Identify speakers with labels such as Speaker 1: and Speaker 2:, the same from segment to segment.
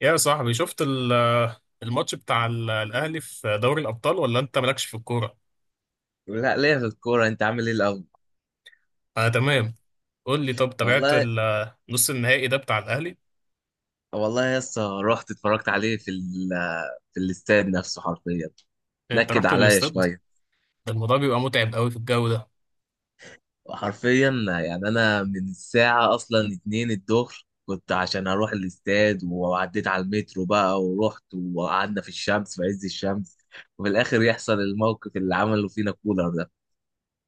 Speaker 1: يا صاحبي شفت الماتش بتاع الأهلي في دوري الأبطال ولا أنت مالكش في الكورة؟
Speaker 2: لا، ليا في الكورة. انت عامل ايه الاول؟
Speaker 1: أنا تمام. قول لي، طب تابعت
Speaker 2: والله
Speaker 1: نص النهائي ده بتاع الأهلي؟
Speaker 2: والله يا اسطى رحت اتفرجت عليه في الاستاد نفسه حرفيا.
Speaker 1: أنت
Speaker 2: نكد
Speaker 1: رحت
Speaker 2: عليا
Speaker 1: للاستاد؟
Speaker 2: شوية.
Speaker 1: ده الموضوع بيبقى متعب قوي في الجو ده.
Speaker 2: حرفيا يعني انا من الساعة اصلا اتنين الظهر كنت عشان اروح الاستاد، وعديت على المترو بقى ورحت وقعدنا في الشمس في عز الشمس. وفي الاخر يحصل الموقف اللي عمله فينا كولر ده.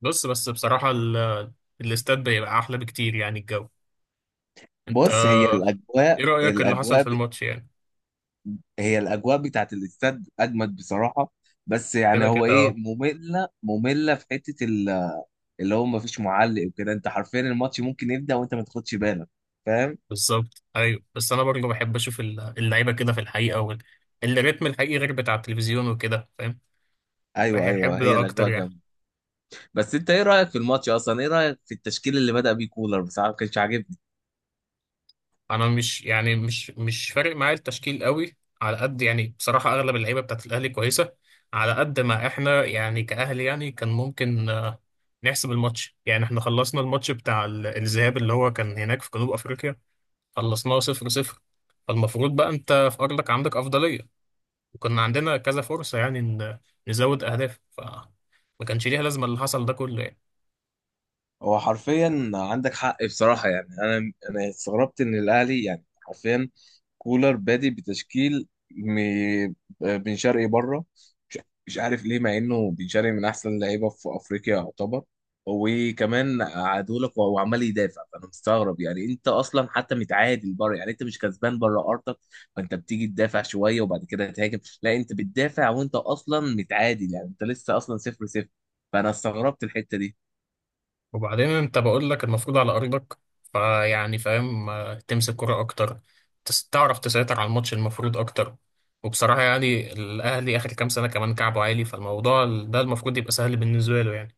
Speaker 1: بص بس بصراحة، الاستاد بيبقى أحلى بكتير يعني الجو. أنت،
Speaker 2: بص،
Speaker 1: إيه رأيك اللي حصل في الماتش يعني؟
Speaker 2: هي الاجواء بتاعت الاستاد اجمد بصراحه. بس يعني
Speaker 1: كده
Speaker 2: هو
Speaker 1: كده
Speaker 2: ايه،
Speaker 1: أه.
Speaker 2: ممله في حته اللي هو ما فيش معلق وكده، انت حرفيا الماتش ممكن يبدا وانت ما تاخدش بالك، فاهم؟
Speaker 1: بالظبط أيوه، بس أنا برضه بحب أشوف اللعيبة كده في الحقيقة الريتم الحقيقي غير بتاع التلفزيون وكده، فاهم؟
Speaker 2: ايوه ايوه،
Speaker 1: بحب
Speaker 2: هي
Speaker 1: ده أكتر
Speaker 2: الاجواء
Speaker 1: يعني.
Speaker 2: جامده. بس انت ايه رايك في الماتش اصلا؟ ايه رايك في التشكيل اللي بدا بيه كولر؟ بصراحه ما كانش عاجبني.
Speaker 1: انا مش يعني مش فارق معايا التشكيل قوي على قد يعني، بصراحه اغلب اللعيبه بتاعت الاهلي كويسه. على قد ما احنا يعني كاهلي يعني كان ممكن نحسب الماتش. يعني احنا خلصنا الماتش بتاع الذهاب اللي هو كان هناك في جنوب افريقيا، خلصناه صفر صفر. فالمفروض بقى انت في ارضك عندك افضليه، وكنا عندنا كذا فرصه يعني ان نزود اهداف. ف ما كانش ليها لازمه اللي حصل ده كله يعني.
Speaker 2: هو حرفيا عندك حق بصراحة، يعني أنا استغربت إن الأهلي يعني حرفيا كولر بادي بتشكيل بن شرقي بره. مش مش عارف ليه، مع إنه بن شرقي من أحسن اللعيبة في أفريقيا يعتبر. وكمان قعدوا لك وهو عمال يدافع، فأنا مستغرب. يعني أنت أصلا حتى متعادل بره، يعني أنت مش كسبان بره أرضك، فأنت بتيجي تدافع شوية وبعد كده تهاجم؟ لا، أنت بتدافع وأنت أصلا متعادل، يعني أنت لسه أصلا صفر صفر. فأنا استغربت الحتة دي.
Speaker 1: وبعدين انت، بقول لك المفروض على ارضك، فيعني فاهم، تمسك كرة اكتر، تعرف تسيطر على الماتش المفروض اكتر. وبصراحة يعني الاهلي اخر كام سنة كمان كعبه عالي، فالموضوع ده المفروض يبقى سهل بالنسبة له يعني.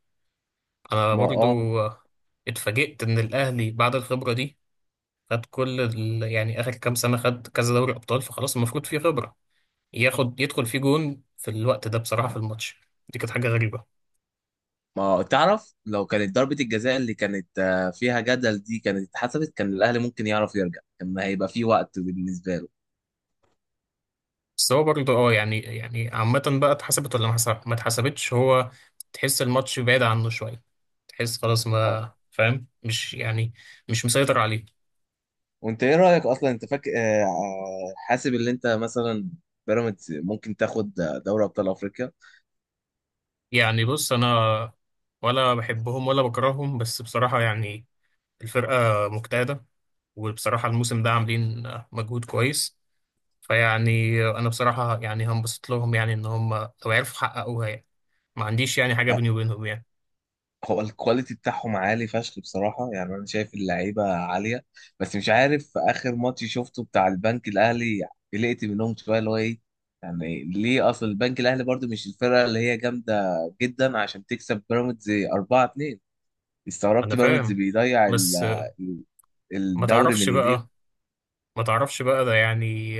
Speaker 1: انا
Speaker 2: ما اه
Speaker 1: برضو اتفاجئت ان الاهلي بعد الخبرة دي خد كل يعني اخر كام سنة خد كذا دوري ابطال، فخلاص المفروض فيه خبرة. ياخد يدخل فيه جون في الوقت ده، بصراحة في الماتش دي كانت حاجة غريبة.
Speaker 2: ما تعرف لو كانت ضربة الجزاء اللي كانت فيها جدل دي كانت اتحسبت، كان الأهلي ممكن يعرف يرجع، كان هيبقى في وقت بالنسبة له.
Speaker 1: بس هو برضه اه يعني يعني عامة بقى اتحسبت ولا ما اتحسبتش. هو تحس الماتش بعيد عنه شوية، تحس خلاص
Speaker 2: اه.
Speaker 1: ما فاهم مش يعني مش مسيطر عليه.
Speaker 2: وانت ايه رأيك اصلا؟ انت فاكر حاسب اللي انت مثلا بيراميدز ممكن تاخد دوري ابطال افريقيا؟
Speaker 1: يعني بص، أنا ولا بحبهم ولا بكرههم، بس بصراحة يعني الفرقة مجتهدة، وبصراحة الموسم ده عاملين مجهود كويس. فيعني أنا بصراحة يعني هنبسط لهم يعني إن هم لو عرفوا يحققوها يعني، ما عنديش يعني حاجة بيني وبينهم يعني.
Speaker 2: هو الكواليتي بتاعهم عالي فشخ بصراحة، يعني أنا شايف اللعيبة عالية. بس مش عارف، في آخر ماتش شفته بتاع البنك الأهلي قلقت منهم شوية. اللي هو إيه يعني، ليه؟ أصل البنك الأهلي برضو مش الفرقة اللي هي جامدة جدا عشان تكسب بيراميدز 4-2.
Speaker 1: أنا
Speaker 2: استغربت بيراميدز
Speaker 1: فاهم
Speaker 2: بيضيع
Speaker 1: بس.
Speaker 2: ال-
Speaker 1: ما
Speaker 2: الدوري
Speaker 1: تعرفش
Speaker 2: من إيديهم.
Speaker 1: بقى ما تعرفش بقى ده يعني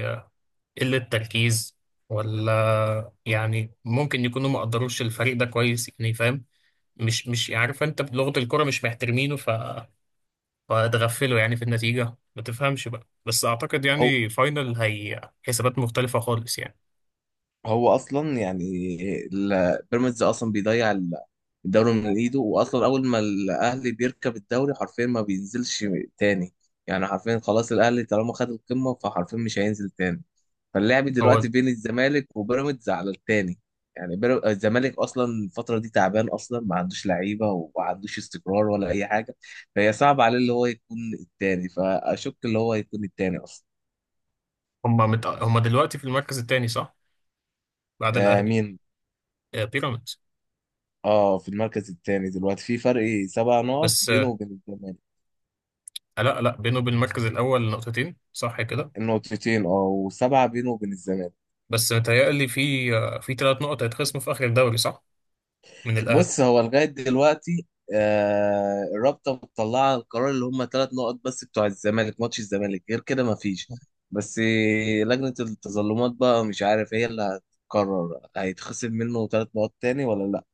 Speaker 1: قلة تركيز، ولا يعني ممكن يكونوا ما قدروش الفريق ده كويس يعني، فاهم؟ مش عارف، انت بلغة الكرة مش محترمينه فاتغفلوا يعني في النتيجة. ما تفهمش بقى، بس اعتقد يعني فاينل هي حسابات مختلفة خالص يعني.
Speaker 2: هو اصلا يعني بيراميدز اصلا بيضيع الدوري من ايده. واصلا اول ما الاهلي بيركب الدوري حرفيا ما بينزلش تاني. يعني حرفيا خلاص الاهلي طالما خد القمه فحرفيا مش هينزل تاني. فاللعب دلوقتي
Speaker 1: هو
Speaker 2: بين الزمالك وبيراميدز على التاني. يعني الزمالك اصلا الفتره دي تعبان، اصلا ما عندوش لعيبه وما عندوش استقرار ولا اي حاجه، فهي صعب عليه اللي هو يكون التاني، فاشك اللي هو يكون التاني اصلا.
Speaker 1: هم دلوقتي في المركز الثاني صح؟ بعد
Speaker 2: آه،
Speaker 1: الاهلي.
Speaker 2: مين؟
Speaker 1: بيراميدز.
Speaker 2: اه، في المركز الثاني دلوقتي، في فرق 7 نقط
Speaker 1: بس
Speaker 2: بينه وبين الزمالك.
Speaker 1: لا لا، بينه وبين المركز الاول نقطتين صح كده.
Speaker 2: نقطتين، اه، و7 بينه وبين الزمالك.
Speaker 1: بس متهيألي في في ثلاث نقط هيتخصموا في اخر الدوري صح، من الاهلي.
Speaker 2: بص هو لغاية دلوقتي آه الرابطة مطلعة القرار اللي هم 3 نقط بس، بتوع الزمالك، ماتش الزمالك، غير كده ما فيش. بس لجنة التظلمات بقى مش عارف، هي اللي هتقرر هيتخصم منه 3 نقط تاني ولا لا.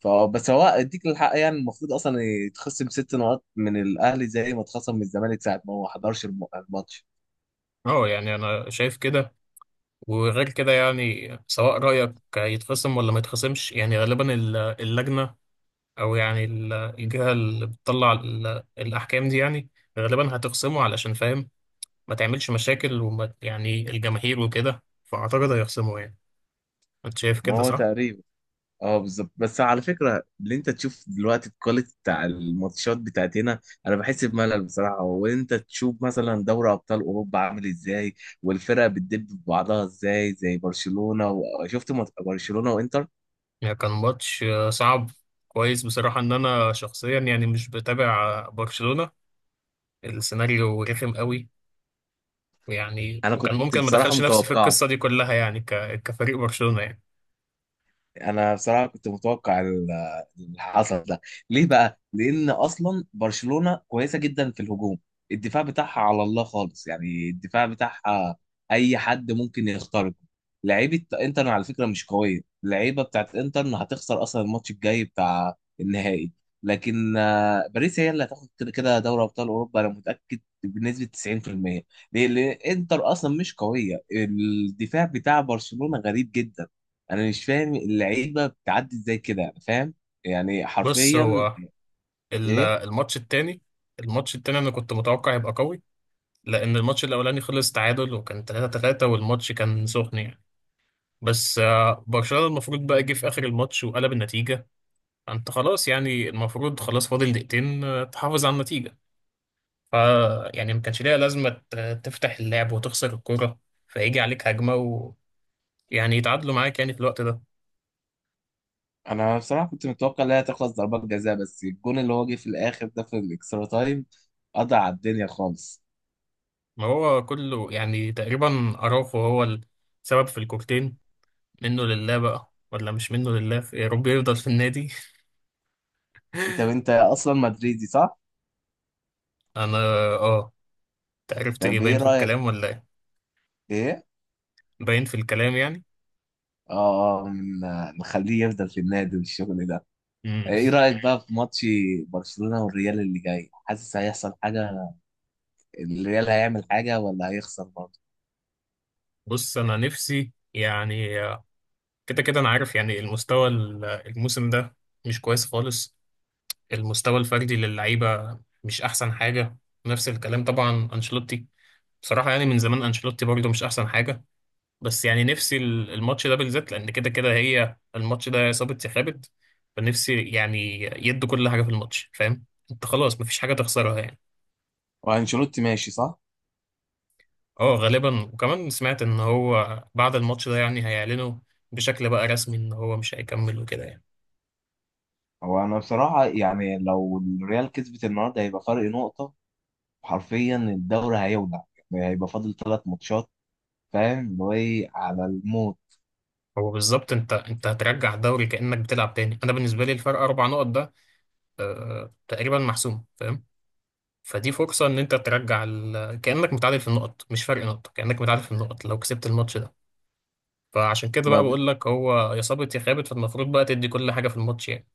Speaker 2: فبس هو اديك الحق، يعني المفروض اصلا يتخصم 6 نقط من الاهلي زي ما اتخصم من الزمالك ساعة ما هو ما حضرش الماتش.
Speaker 1: اه يعني انا شايف كده. وغير كده يعني سواء رايك يتخصم ولا ما يتخصمش، يعني غالبا اللجنه او يعني الجهه اللي بتطلع الاحكام دي يعني غالبا هتخصمه. علشان فاهم، ما تعملش مشاكل وما يعني الجماهير وكده، فاعتقد هيخصمه يعني. انت شايف
Speaker 2: ما
Speaker 1: كده
Speaker 2: هو
Speaker 1: صح؟
Speaker 2: تقريبا اه بالظبط. بس على فكره، اللي انت تشوف دلوقتي الكواليتي بتاع الماتشات بتاعت هنا انا بحس بملل بصراحه. وانت تشوف مثلا دوري ابطال اوروبا عامل ازاي، والفرق بتدب في بعضها ازاي زي برشلونه. وشفت برشلونه وانتر.
Speaker 1: يعني كان ماتش صعب كويس بصراحه. ان انا شخصيا يعني مش بتابع برشلونه، السيناريو رخم قوي يعني،
Speaker 2: انا
Speaker 1: وكان
Speaker 2: كنت
Speaker 1: ممكن ما
Speaker 2: بصراحه
Speaker 1: دخلش نفسي في
Speaker 2: متوقعه.
Speaker 1: القصة دي كلها يعني، كفريق برشلونة يعني.
Speaker 2: انا بصراحه كنت متوقع اللي حصل ده. ليه بقى؟ لان اصلا برشلونه كويسه جدا في الهجوم، الدفاع بتاعها على الله خالص. يعني الدفاع بتاعها اي حد ممكن يخترقه. لعيبه انتر على فكره مش قويه، اللعيبه بتاعت انتر هتخسر اصلا الماتش الجاي بتاع النهائي. لكن باريس هي اللي هتاخد كده كده دوري ابطال اوروبا، انا متاكد بنسبه 90%. ليه؟ لان انتر اصلا مش قويه، الدفاع بتاع برشلونه غريب جدا. انا مش فاهم اللعيبه بتعدي ازاي كده، انا فاهم يعني
Speaker 1: بص،
Speaker 2: حرفيا.
Speaker 1: هو ال-
Speaker 2: ايه؟
Speaker 1: الماتش التاني الماتش التاني انا كنت متوقع يبقى قوي، لان الماتش الاولاني خلص تعادل وكان 3-3 والماتش كان سخن يعني. بس برشلونة المفروض بقى جه في اخر الماتش وقلب النتيجة. انت خلاص يعني المفروض خلاص فاضل دقيقتين تحافظ على النتيجة. ف يعني ما كانش ليها لازمة تفتح اللعب وتخسر الكورة، فيجي عليك هجمة ويعني يتعادلوا معاك يعني في الوقت ده.
Speaker 2: انا بصراحه كنت متوقع انها تخلص ضربات جزاء، بس الجون اللي هو جه في الاخر ده في الاكسترا تايم قضى على الدنيا خالص.
Speaker 1: ما هو كله يعني تقريبا أراوخو هو السبب في الكورتين. منه لله بقى، ولا مش منه لله يا رب يفضل في النادي.
Speaker 2: انت اصلا مدريدي صح؟
Speaker 1: أنا آه. أنت عرفت إيه؟
Speaker 2: طب ايه
Speaker 1: باين في
Speaker 2: رايك؟
Speaker 1: الكلام ولا إيه؟
Speaker 2: ايه؟
Speaker 1: باين في الكلام يعني.
Speaker 2: اه، آه، من آه، نخليه يفضل في النادي والشغل ده.
Speaker 1: مم.
Speaker 2: ايه رايك بقى في ماتش برشلونه والريال اللي جاي؟ حاسس هيحصل حاجه؟ الريال هيعمل حاجه ولا هيخسر برضه؟
Speaker 1: بص أنا نفسي يعني كده كده أنا عارف يعني المستوى الموسم ده مش كويس خالص، المستوى الفردي للعيبة مش أحسن حاجة. نفس الكلام طبعا أنشيلوتي، بصراحة يعني من زمان أنشيلوتي برضه مش أحسن حاجة. بس يعني نفسي الماتش ده بالذات، لان كده كده هي الماتش ده يا صابت يا خابت. فنفسي يعني يدوا كل حاجه في الماتش، فاهم؟ انت خلاص مفيش حاجه تخسرها يعني.
Speaker 2: وانشيلوتي ماشي صح؟
Speaker 1: اه غالبا، وكمان سمعت ان هو بعد الماتش ده يعني هيعلنوا بشكل بقى رسمي ان هو مش هيكمل وكده يعني.
Speaker 2: هو انا بصراحه يعني لو الريال كسبت النهارده هيبقى فرق نقطه، حرفيا الدوري هيولع. يعني هيبقى فاضل 3 ماتشات، فاهم؟ اللي هو ايه، على الموت.
Speaker 1: هو بالظبط، انت هترجع الدوري كانك بتلعب تاني. انا بالنسبه لي الفرق اربع نقط ده آه تقريبا محسوم، فاهم؟ فدي فرصه ان انت ترجع كانك متعادل في النقط، مش فرق نقطه، كانك متعادل في النقط لو كسبت الماتش ده. فعشان كده
Speaker 2: ما
Speaker 1: بقى
Speaker 2: ب...
Speaker 1: بقول لك هو يا صابت يا خابت، فالمفروض بقى تدي كل حاجة في الماتش يعني.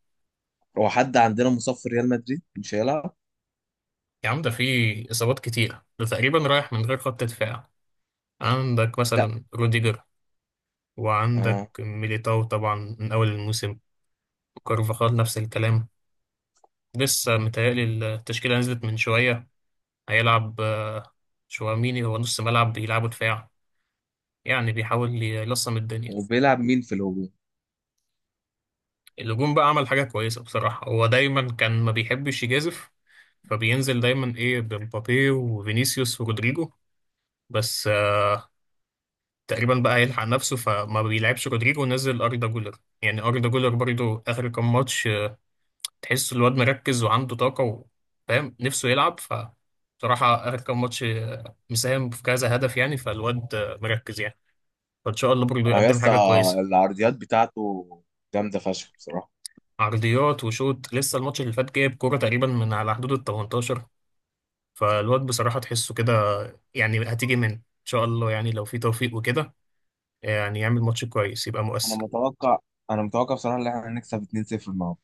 Speaker 2: هو حد عندنا مصاب في ريال مدريد مش هيلعب؟
Speaker 1: يا عم ده في إصابات كتير، ده تقريبا رايح من غير خط دفاع. عندك
Speaker 2: لا.
Speaker 1: مثلا روديجر، وعندك
Speaker 2: اه.
Speaker 1: ميليتاو طبعا من أول الموسم، كارفاخال نفس الكلام. لسه متهيألي التشكيلة نزلت من شوية، هيلعب شواميني. هو نص ملعب بيلعبوا دفاع يعني، بيحاول يلصم الدنيا.
Speaker 2: وبيلعب مين في الهجوم؟
Speaker 1: الهجوم بقى عمل حاجة كويسة بصراحة، هو دايما كان ما بيحبش يجازف، فبينزل دايما ايه بمبابي وفينيسيوس ورودريجو. بس تقريبا بقى هيلحق نفسه فما بيلعبش رودريجو ونزل أردا جولر. يعني أردا جولر برضو آخر كام ماتش تحس الواد مركز وعنده طاقة و- فاهم نفسه يلعب. ف بصراحة آخر كام ماتش مساهم في كذا هدف يعني، فالواد مركز يعني. فإن شاء الله برضو
Speaker 2: اه يا
Speaker 1: يقدم
Speaker 2: اسطى،
Speaker 1: حاجة كويسة.
Speaker 2: العرضيات بتاعته جامده فشخ بصراحه.
Speaker 1: عرضيات وشوط، لسه الماتش اللي فات جايب كورة تقريبا من على حدود ال 18. فالواد بصراحة تحسه كده يعني، هتيجي منه إن شاء الله يعني، لو في توفيق وكده يعني يعمل ماتش كويس يبقى
Speaker 2: انا
Speaker 1: مؤثر.
Speaker 2: متوقع انا متوقع بصراحه ان احنا هنكسب 2-0 النهارده.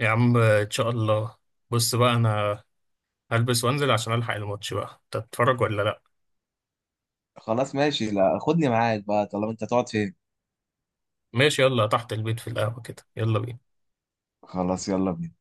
Speaker 1: يا عم إن شاء الله. بص بقى أنا هلبس وأنزل عشان ألحق الماتش بقى. أنت تتفرج ولا لأ؟
Speaker 2: خلاص ماشي. لا خدني معاك بقى، طالما انت، هتقعد فين؟
Speaker 1: ماشي، يلا تحت البيت في القهوة كده، يلا بينا.
Speaker 2: خلاص يلا بينا.